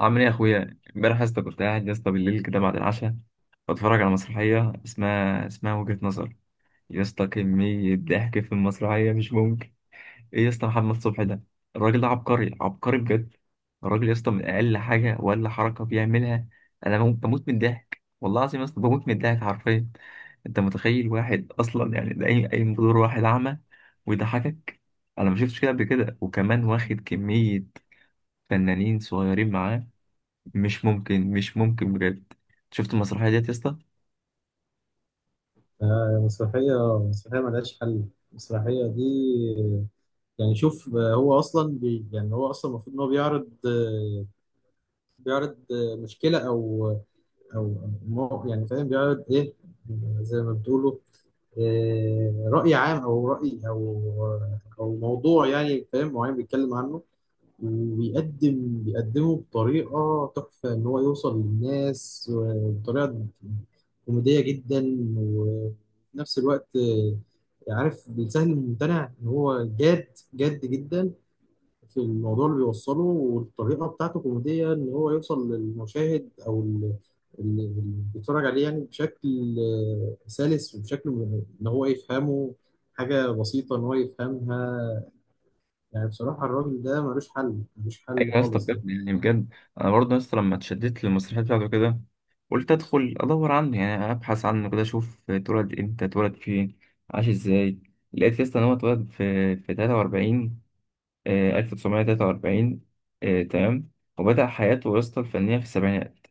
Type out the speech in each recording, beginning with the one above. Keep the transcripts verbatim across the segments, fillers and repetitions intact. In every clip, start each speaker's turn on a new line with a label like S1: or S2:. S1: عامل ايه يا اخويا؟ امبارح يا اسطى كنت قاعد يا اسطى بالليل كده بعد العشاء بتفرج على مسرحيه اسمها اسمها وجهة نظر. يا اسطى، كميه ضحك في المسرحيه مش ممكن. ايه يا اسطى محمد صبحي ده؟ الراجل ده عبقري، عبقري بجد. الراجل يا اسطى من اقل حاجه ولا حركه بيعملها، انا بموت، بموت من الضحك. والله العظيم يا اسطى بموت من الضحك حرفيا. انت متخيل واحد اصلا، يعني ده اي اي بدور واحد اعمى ويضحكك؟ انا ما شفتش كده قبل كده، وكمان واخد كميه فنانين صغيرين معاه. مش ممكن، مش ممكن بجد. شفت المسرحية ديت يا اسطى؟
S2: آه، مسرحية مسرحية ملهاش حل. المسرحية دي. يعني شوف، آه، هو أصلا بي يعني هو أصلا المفروض إن هو بيعرض آه، بيعرض آه، مشكلة أو أو مو- يعني فاهم بيعرض إيه، زي ما بتقولوا، آه، رأي عام أو رأي أو أو موضوع يعني فاهم معين بيتكلم عنه، وبيقدم بيقدمه بطريقة تحفة إن هو يوصل للناس و- بطريقة كوميدية جدا، وفي نفس الوقت آه، عارف بيسهل الممتنع، إن هو جاد جاد جدا في الموضوع اللي بيوصله، والطريقة بتاعته كوميدية إن هو يوصل للمشاهد أو ال- ال- اللي بيتفرج عليه يعني بشكل آه، سلس وبشكل م- إن هو يفهمه حاجة بسيطة إن هو يفهمها. يعني بصراحة الراجل ده ملوش حل، ملوش
S1: ايوه
S2: حل
S1: يا اسطى،
S2: خالص يعني.
S1: بجد يعني بجد. انا برضه يا اسطى لما اتشددت للمسرحية بتاعته كده قلت ادخل ادور عنه، يعني ابحث عنه كده، اشوف اتولد امتى، اتولد فين، عاش ازاي. لقيت يا اسطى ان هو اتولد في في تلاتة وأربعين، آه ألف وتسعمية وثلاثة وأربعين. آه تمام. وبدأ حياته يا اسطى الفنية في السبعينات.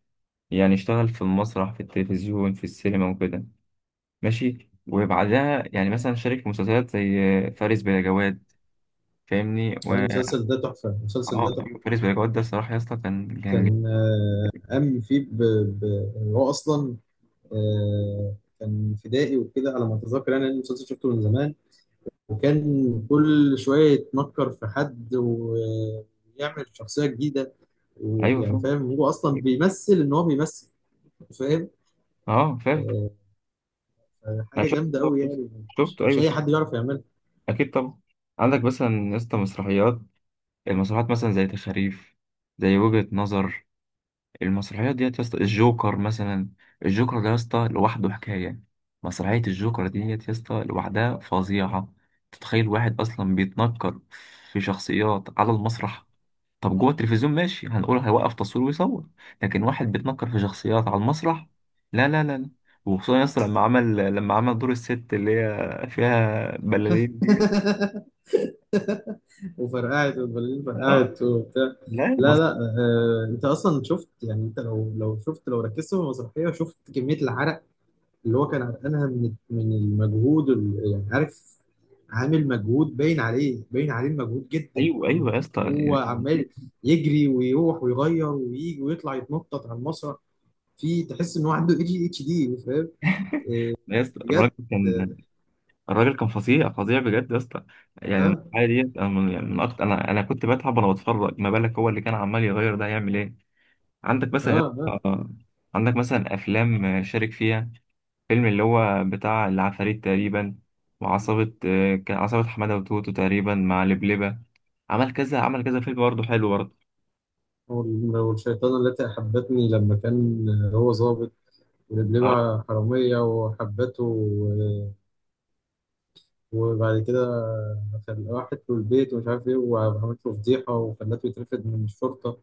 S1: يعني اشتغل في المسرح، في التلفزيون، في السينما وكده. ماشي. وبعدها يعني مثلا شارك في مسلسلات زي آه، فارس بلا جواد. فاهمني؟
S2: المسلسل ده تحفة، المسلسل ده
S1: اه
S2: تحفة.
S1: ايوه، فارس بيجوت ده الصراحه يا اسطى كان كان جامد.
S2: كان آه، قام فيه ب... ب... يعني هو أصلا آه، كان فدائي وكده على ما أتذكر، يعني أنا المسلسل شفته من زمان، وكان كل شوية يتنكر في حد ويعمل شخصية جديدة،
S1: ايوه
S2: ويعني
S1: فاهم.
S2: فاهم هو أصلا بيمثل إن هو بيمثل، فاهم.
S1: اه فاهم.
S2: آه،
S1: انا
S2: حاجة
S1: شفت
S2: جامدة
S1: كده
S2: أوي
S1: بس.
S2: يعني. مش
S1: شفته،
S2: مش
S1: ايوه
S2: أي حد
S1: شفته.
S2: يعرف يعملها.
S1: اكيد طبعا. عندك مثلا يا اسطى مسرحيات، المسرحيات مثلا زي تخاريف، زي وجهة نظر. المسرحيات ديت يا اسطى، الجوكر مثلا. الجوكر ده يا اسطى لوحده حكايه. مسرحيه الجوكر ديت يا اسطى لوحدها فظيعه. تتخيل واحد اصلا بيتنكر في شخصيات على المسرح؟ طب جوه التلفزيون ماشي، هنقول هيوقف تصوير ويصور، لكن واحد بيتنكر في شخصيات على المسرح، لا لا لا لا. وخصوصا ياسر لما عمل لما عمل دور الست اللي هي فيها بلالين ديت.
S2: وفرقعت، والبلالين
S1: اه.
S2: فرقعت وبتاع.
S1: لا
S2: لا،
S1: بس.
S2: لا، آه انت اصلا شفت، يعني انت لو لو شفت، لو ركزت في المسرحيه شفت كميه العرق اللي هو كان عرقانها من من المجهود، ال- يعني عارف، عامل مجهود باين عليه، باين عليه المجهود جدا،
S1: ايوه
S2: إنه
S1: ايوه يا اسطى،
S2: هو
S1: يعني كنت بقولك،
S2: عمال يجري ويروح ويغير ويجي ويطلع يتنطط على المسرح، في تحس ان هو عنده اي جي اتش دي، فاهم.
S1: يا اسطى الراجل
S2: بجد.
S1: كان، الراجل كان فظيع، فظيع بجد يا اسطى. يعني
S2: اه،
S1: الحاجه ديت انا من يعني من أكتر، انا انا كنت بتعب وانا بتفرج، ما بالك هو اللي كان عمال يغير ده هيعمل ايه. عندك
S2: اه،
S1: مثلا يا
S2: اه.
S1: اسطى، عندك مثلا افلام شارك فيها، فيلم اللي هو بتاع العفاريت تقريبا، وعصابة آه، كان عصابة حمادة وتوتو تقريبا مع لبلبة. عمل كذا، عمل كذا فيلم برضه، حلو برضه.
S2: والشيطانه التي احبتني، لما كان هو ظابط
S1: اه
S2: بلبة حرامية وحبته و- وبعد كده خل- راحت له البيت ومش عارف إيه، وعملت له فضيحة وخلته يترفد من الشرطة،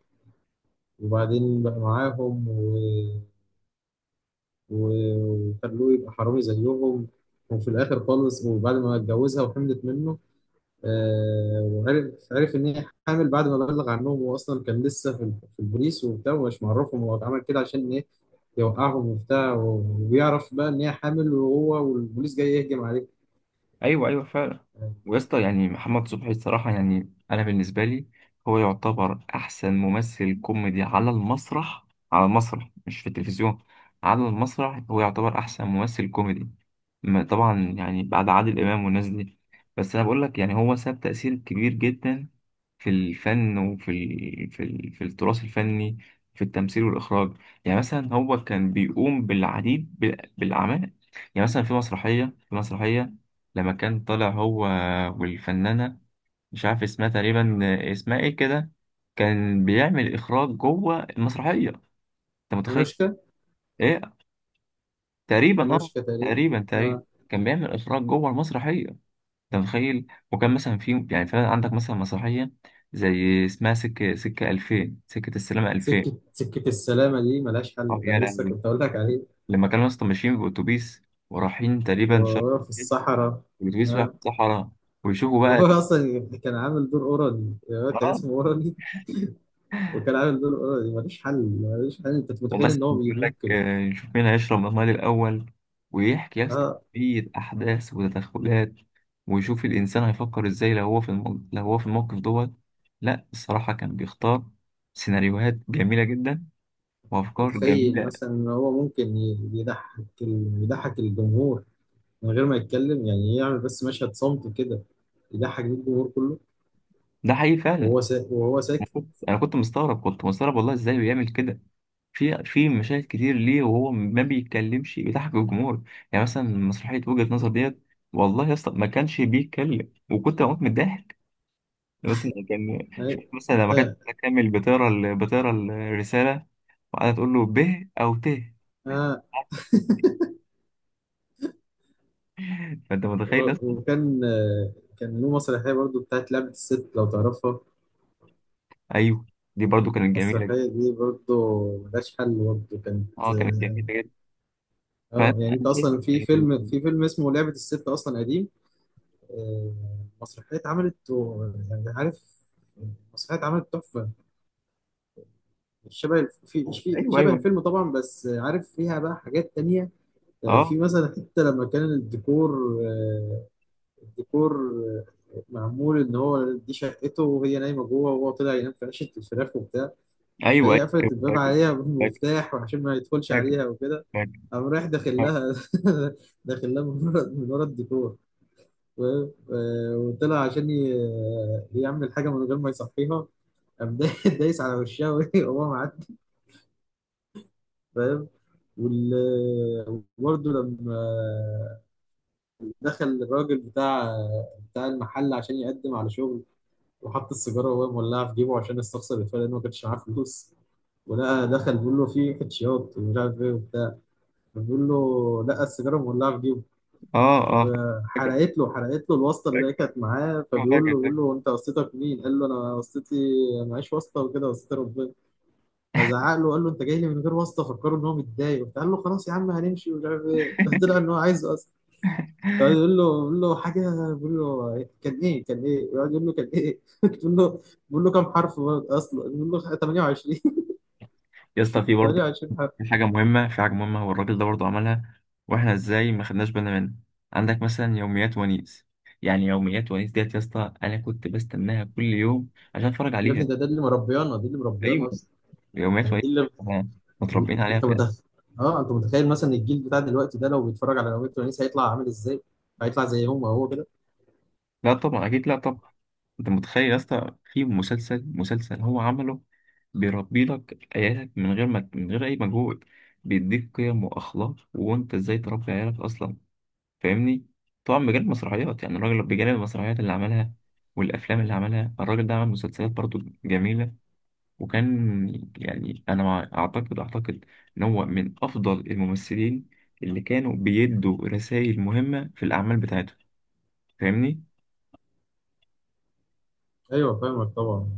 S2: وبعدين بقى معاهم و- و- وخلوه يبقى حرامي زيهم، وفي الآخر خالص، وبعد ما اتجوزها وحملت منه، آه، وعرف عرف إن هي حامل. بعد ما بلغ عنهم، هو أصلا كان لسه في ال- في البوليس وبتاع، ومش معرفهم هو اتعمل كده عشان إيه، يوقعهم وبتاع، وبيعرف بقى ان هي حامل وهو والبوليس جاي يهجم عليه.
S1: ايوه، ايوه فعلا. ويا اسطى يعني محمد صبحي الصراحة، يعني انا بالنسبة لي هو يعتبر احسن ممثل كوميدي على المسرح. على المسرح مش في التلفزيون، على المسرح هو يعتبر احسن ممثل كوميدي. ما- طبعا يعني بعد عادل امام والناس دي. بس انا بقول لك يعني هو ساب تأثير كبير جدا في الفن، وفي ال... في ال... في التراث الفني، في التمثيل والإخراج. يعني مثلا هو كان بيقوم بالعديد بال- بالأعمال. يعني مثلا في مسرحية في مسرحية لما كان طالع هو والفنانة، مش عارف اسمها تقريبا، اسمها ايه كده، كان بيعمل إخراج جوه المسرحية، أنت متخيل؟
S2: أنوشكا،
S1: ايه، تقريبا اه،
S2: أنوشكا تقريبا.
S1: تقريبا تقريبا.
S2: آه.
S1: كان بيعمل إخراج جوه المسرحية، انت متخيل؟ وكان مثلا في، يعني فعلا عندك مثلا مسرحيه زي اسمها سكه سكه ألفين، سكه السلامه ألفين.
S2: سكة سكة السلامة دي ملهاش
S1: اه
S2: حل،
S1: يا
S2: كان لسه
S1: لهوي!
S2: كنت أقول لك عليه،
S1: لما كانوا اصلا ماشيين باوتوبيس، ورايحين تقريبا شرق،
S2: وهو في الصحراء.
S1: الاتوبيس رايح
S2: آه.
S1: في الصحراء ويشوفوا بقى.
S2: وهو أصلا كان عامل دور أورالي، آه، كان
S1: اه.
S2: اسمه أورالي، وكان عامل دور أورالي ملوش حل، ملوش حل. أنت متخيل
S1: ومثلا
S2: إن هو بي-
S1: بيقول لك
S2: ممكن،
S1: آه، نشوف مين هيشرب المال الاول. ويحكي يا اسطى
S2: آه
S1: كمية احداث وتدخلات، ويشوف الانسان هيفكر ازاي لو هو في المو... لو هو في الموقف دوت. لا الصراحه كان بيختار سيناريوهات جميله جدا، وافكار
S2: متخيل
S1: جميله.
S2: مثلا إن هو ممكن ي- يضحك ال- يضحك الجمهور من غير ما يتكلم، يعني يعمل بس مشهد صمت كده، يضحك بيه الجمهور كله،
S1: ده حقيقي فعلا.
S2: وهو سا... وهو
S1: أنا
S2: ساكت.
S1: كنت أنا كنت مستغرب، كنت مستغرب، والله ازاي بيعمل كده. في في مشاهد كتير ليه وهو ما بيتكلمش بيضحك الجمهور. يعني مثلا مسرحية وجهة نظر ديت، والله يا اسطى ما كانش بيتكلم وكنت بموت من الضحك. مثلا كان شوف مثلا لما كانت كامل بتقرا ال- بتقرا الرسالة وقعدت تقول له ب أو ت،
S2: آه.
S1: فأنت متخيل يا اسطى؟
S2: وكان آه، كان له مسرحية برضو بتاعت لعبة الست، لو تعرفها،
S1: أيوه، دي برضو كانت جميلة جدا.
S2: المسرحية دي برضو ملهاش حل، برضو كانت.
S1: أه كانت جميلة جدا.
S2: اه،
S1: فأنت
S2: يعني انت
S1: أنت-
S2: اصلا في
S1: أيوه.
S2: فيلم، في فيلم اسمه لعبة الست اصلا قديم، آه، مسرحية اتعملت و- يعني عارف، مسرحية اتعملت تحفة، مش شبه الف- في مش في شبه
S1: أيوه،
S2: الفيلم طبعا، بس عارف فيها بقى حاجات تانية. آه، في
S1: أه
S2: مثلا حتة لما كان الديكور آه، الديكور معمول ان هو دي شقته، وهي نايمه جوه، وهو طلع ينام في عشه الفراخ وبتاع،
S1: أيوه،
S2: فهي قفلت
S1: أيوه
S2: الباب
S1: فاكر،
S2: عليها
S1: فاكر،
S2: بالمفتاح وعشان ما يدخلش عليها وكده،
S1: فاكر.
S2: قام رايح داخل لها. داخل لها من ورا من ورا الديكور، و- وطلع عشان ي- يعمل حاجه من غير ما يصحيها، قام دا- دايس على وشها وهي- وهو معدي، فاهم. وال- وبرضه لما دخل الراجل بتاع بتاع المحل عشان يقدم على شغل، وحط السيجاره وهو مولعه في جيبه عشان يستخسر الفرق لانه ما كانش معاه فلوس، ولقى دخل بيقول له في كاتشيات ومش عارف ايه وبتاع، فبيقول له لقى السيجاره مولعه في جيبه،
S1: اه اه فاكر،
S2: حرقت له، حرقت له الواسطه اللي
S1: فاكر.
S2: هي كانت معاه،
S1: آه،
S2: فبيقول
S1: فاكر
S2: له بيقول
S1: فاكر.
S2: له انت واسطتك مين؟ قال له انا واسطتي معيش واسطه وكده، واسطتي ربنا، فزعق له، قال له انت جاي لي من غير واسطه، فكره ان هو متضايق وبتاع. قال له خلاص يا عم هنمشي ومش عارف ايه، طلع ان هو عايز واسطه، يقعد يقول له يقول له حاجه، بيقول له كان ايه، كان ايه، يقعد يقول له كان ايه، بيقول له بيقول له كام حرف اصلا، بيقول له ثمانية وعشرين،
S1: يا اسطى في برضه،
S2: تمانية وعشرين حرف.
S1: في حاجة مهمة، في حاجة مهمة هو الراجل ده برضه عملها، واحنا ازاي ما خدناش بالنا منها. عندك مثلا يوميات ونيس. يعني يوميات ونيس ديت يا اسطى انا كنت بستناها كل يوم عشان اتفرج
S2: يا ابني،
S1: عليها.
S2: ده ده اللي مربيانا، دي اللي
S1: ايوه،
S2: مربيانا اصلا.
S1: يوميات
S2: يعني
S1: ونيس،
S2: دي اللي
S1: إحنا
S2: اللي-
S1: متربيين عليها
S2: انت
S1: فعلا.
S2: متخيل. اه انت متخيل مثلا الجيل بتاع دلوقتي ده لو بيتفرج على نوادي تونس هيطلع عامل ازاي، هيطلع زيهم وهو كده.
S1: لا طبعا، اكيد لا طبعا. انت متخيل يا اسطى في مسلسل، مسلسل هو عمله بيربي لك عيالك، من غير ما من غير اي مجهود، بيديك قيم واخلاق وانت ازاي تربي عيالك اصلا، فاهمني؟ طبعا بجانب المسرحيات، يعني الراجل بجانب المسرحيات اللي عملها والافلام اللي عملها، الراجل ده عمل مسلسلات برضو جميله. وكان يعني انا مع- اعتقد اعتقد ان هو من افضل الممثلين اللي كانوا بيدوا رسائل مهمه في الاعمال بتاعتهم، فاهمني؟
S2: ايوه فاهمك طبعا،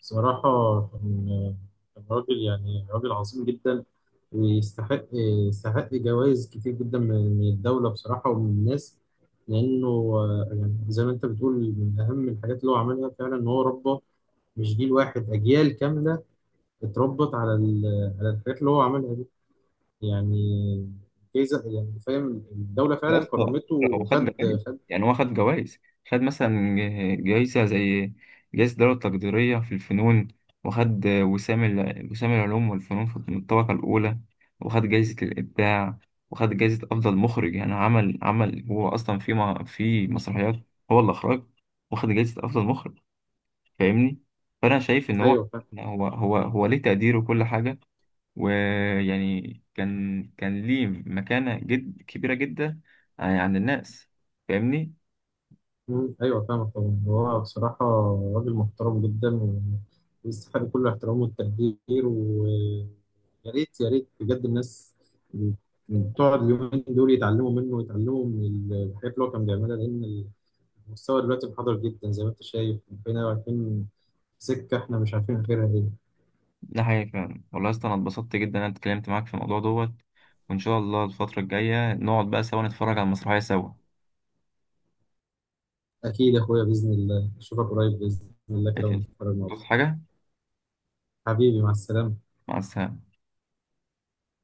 S2: بصراحه كان كان راجل يعني، راجل عظيم جدا، ويستحق يستحق جوائز كتير جدا من من الدولة بصراحة، ومن الناس، لأنه آه، يعني زي ما أنت بتقول، من أهم الحاجات اللي هو عملها فعلا إن هو ربى مش جيل واحد، أجيال كاملة اتربت على ال- على الحاجات اللي هو عملها دي، يعني جايزة، يعني فاهم، الدولة
S1: يا
S2: فعلا
S1: اسطى
S2: كرمته
S1: هو خد
S2: وخد.
S1: جوائز،
S2: خد.
S1: يعني هو خد جوائز. خد مثلا ج- جايزة زي جايزة الدولة التقديرية في الفنون، وخد وسام ال- وسام العلوم والفنون في الطبقة الأولى، وخد جايزة الإبداع، وخد جايزة أفضل مخرج. يعني عمل عمل هو أصلا في ما في مسرحيات هو اللي أخرج، واخد جايزة أفضل مخرج، فاهمني؟ فأنا شايف إن هو
S2: أيوه.
S1: هو هو هو ليه تقدير وكل حاجة. ويعني كان كان ليه مكانة جد كبيرة جدا يعني عند الناس، فاهمني؟
S2: مم. ايوه فاهمك طبعا. هو بصراحه راجل محترم جدا و- ويستحق كل الاحترام والتقدير، ويا ريت، يا ريت بجد الناس تقعد اليومين دول يتعلموا منه، ويتعلموا من الحاجات اللي هو كان بيعملها، لان المستوى دلوقتي انحدر جدا، زي ما انت شايف بقينا رايحين في سكه احنا مش عارفين غيرها ايه.
S1: ده حقيقي فعلا. والله يا اسطى انا اتبسطت جدا ان انا اتكلمت معاك في الموضوع دوت، وان شاء الله الفترة الجاية نقعد بقى سوا نتفرج على المسرحية سوا.
S2: اكيد يا اخويا، باذن الله اشوفك قريب باذن الله كده،
S1: ماشي.
S2: ونتفرج مع بعض.
S1: تقصد حاجة؟
S2: حبيبي مع السلامه.
S1: مع السلامة.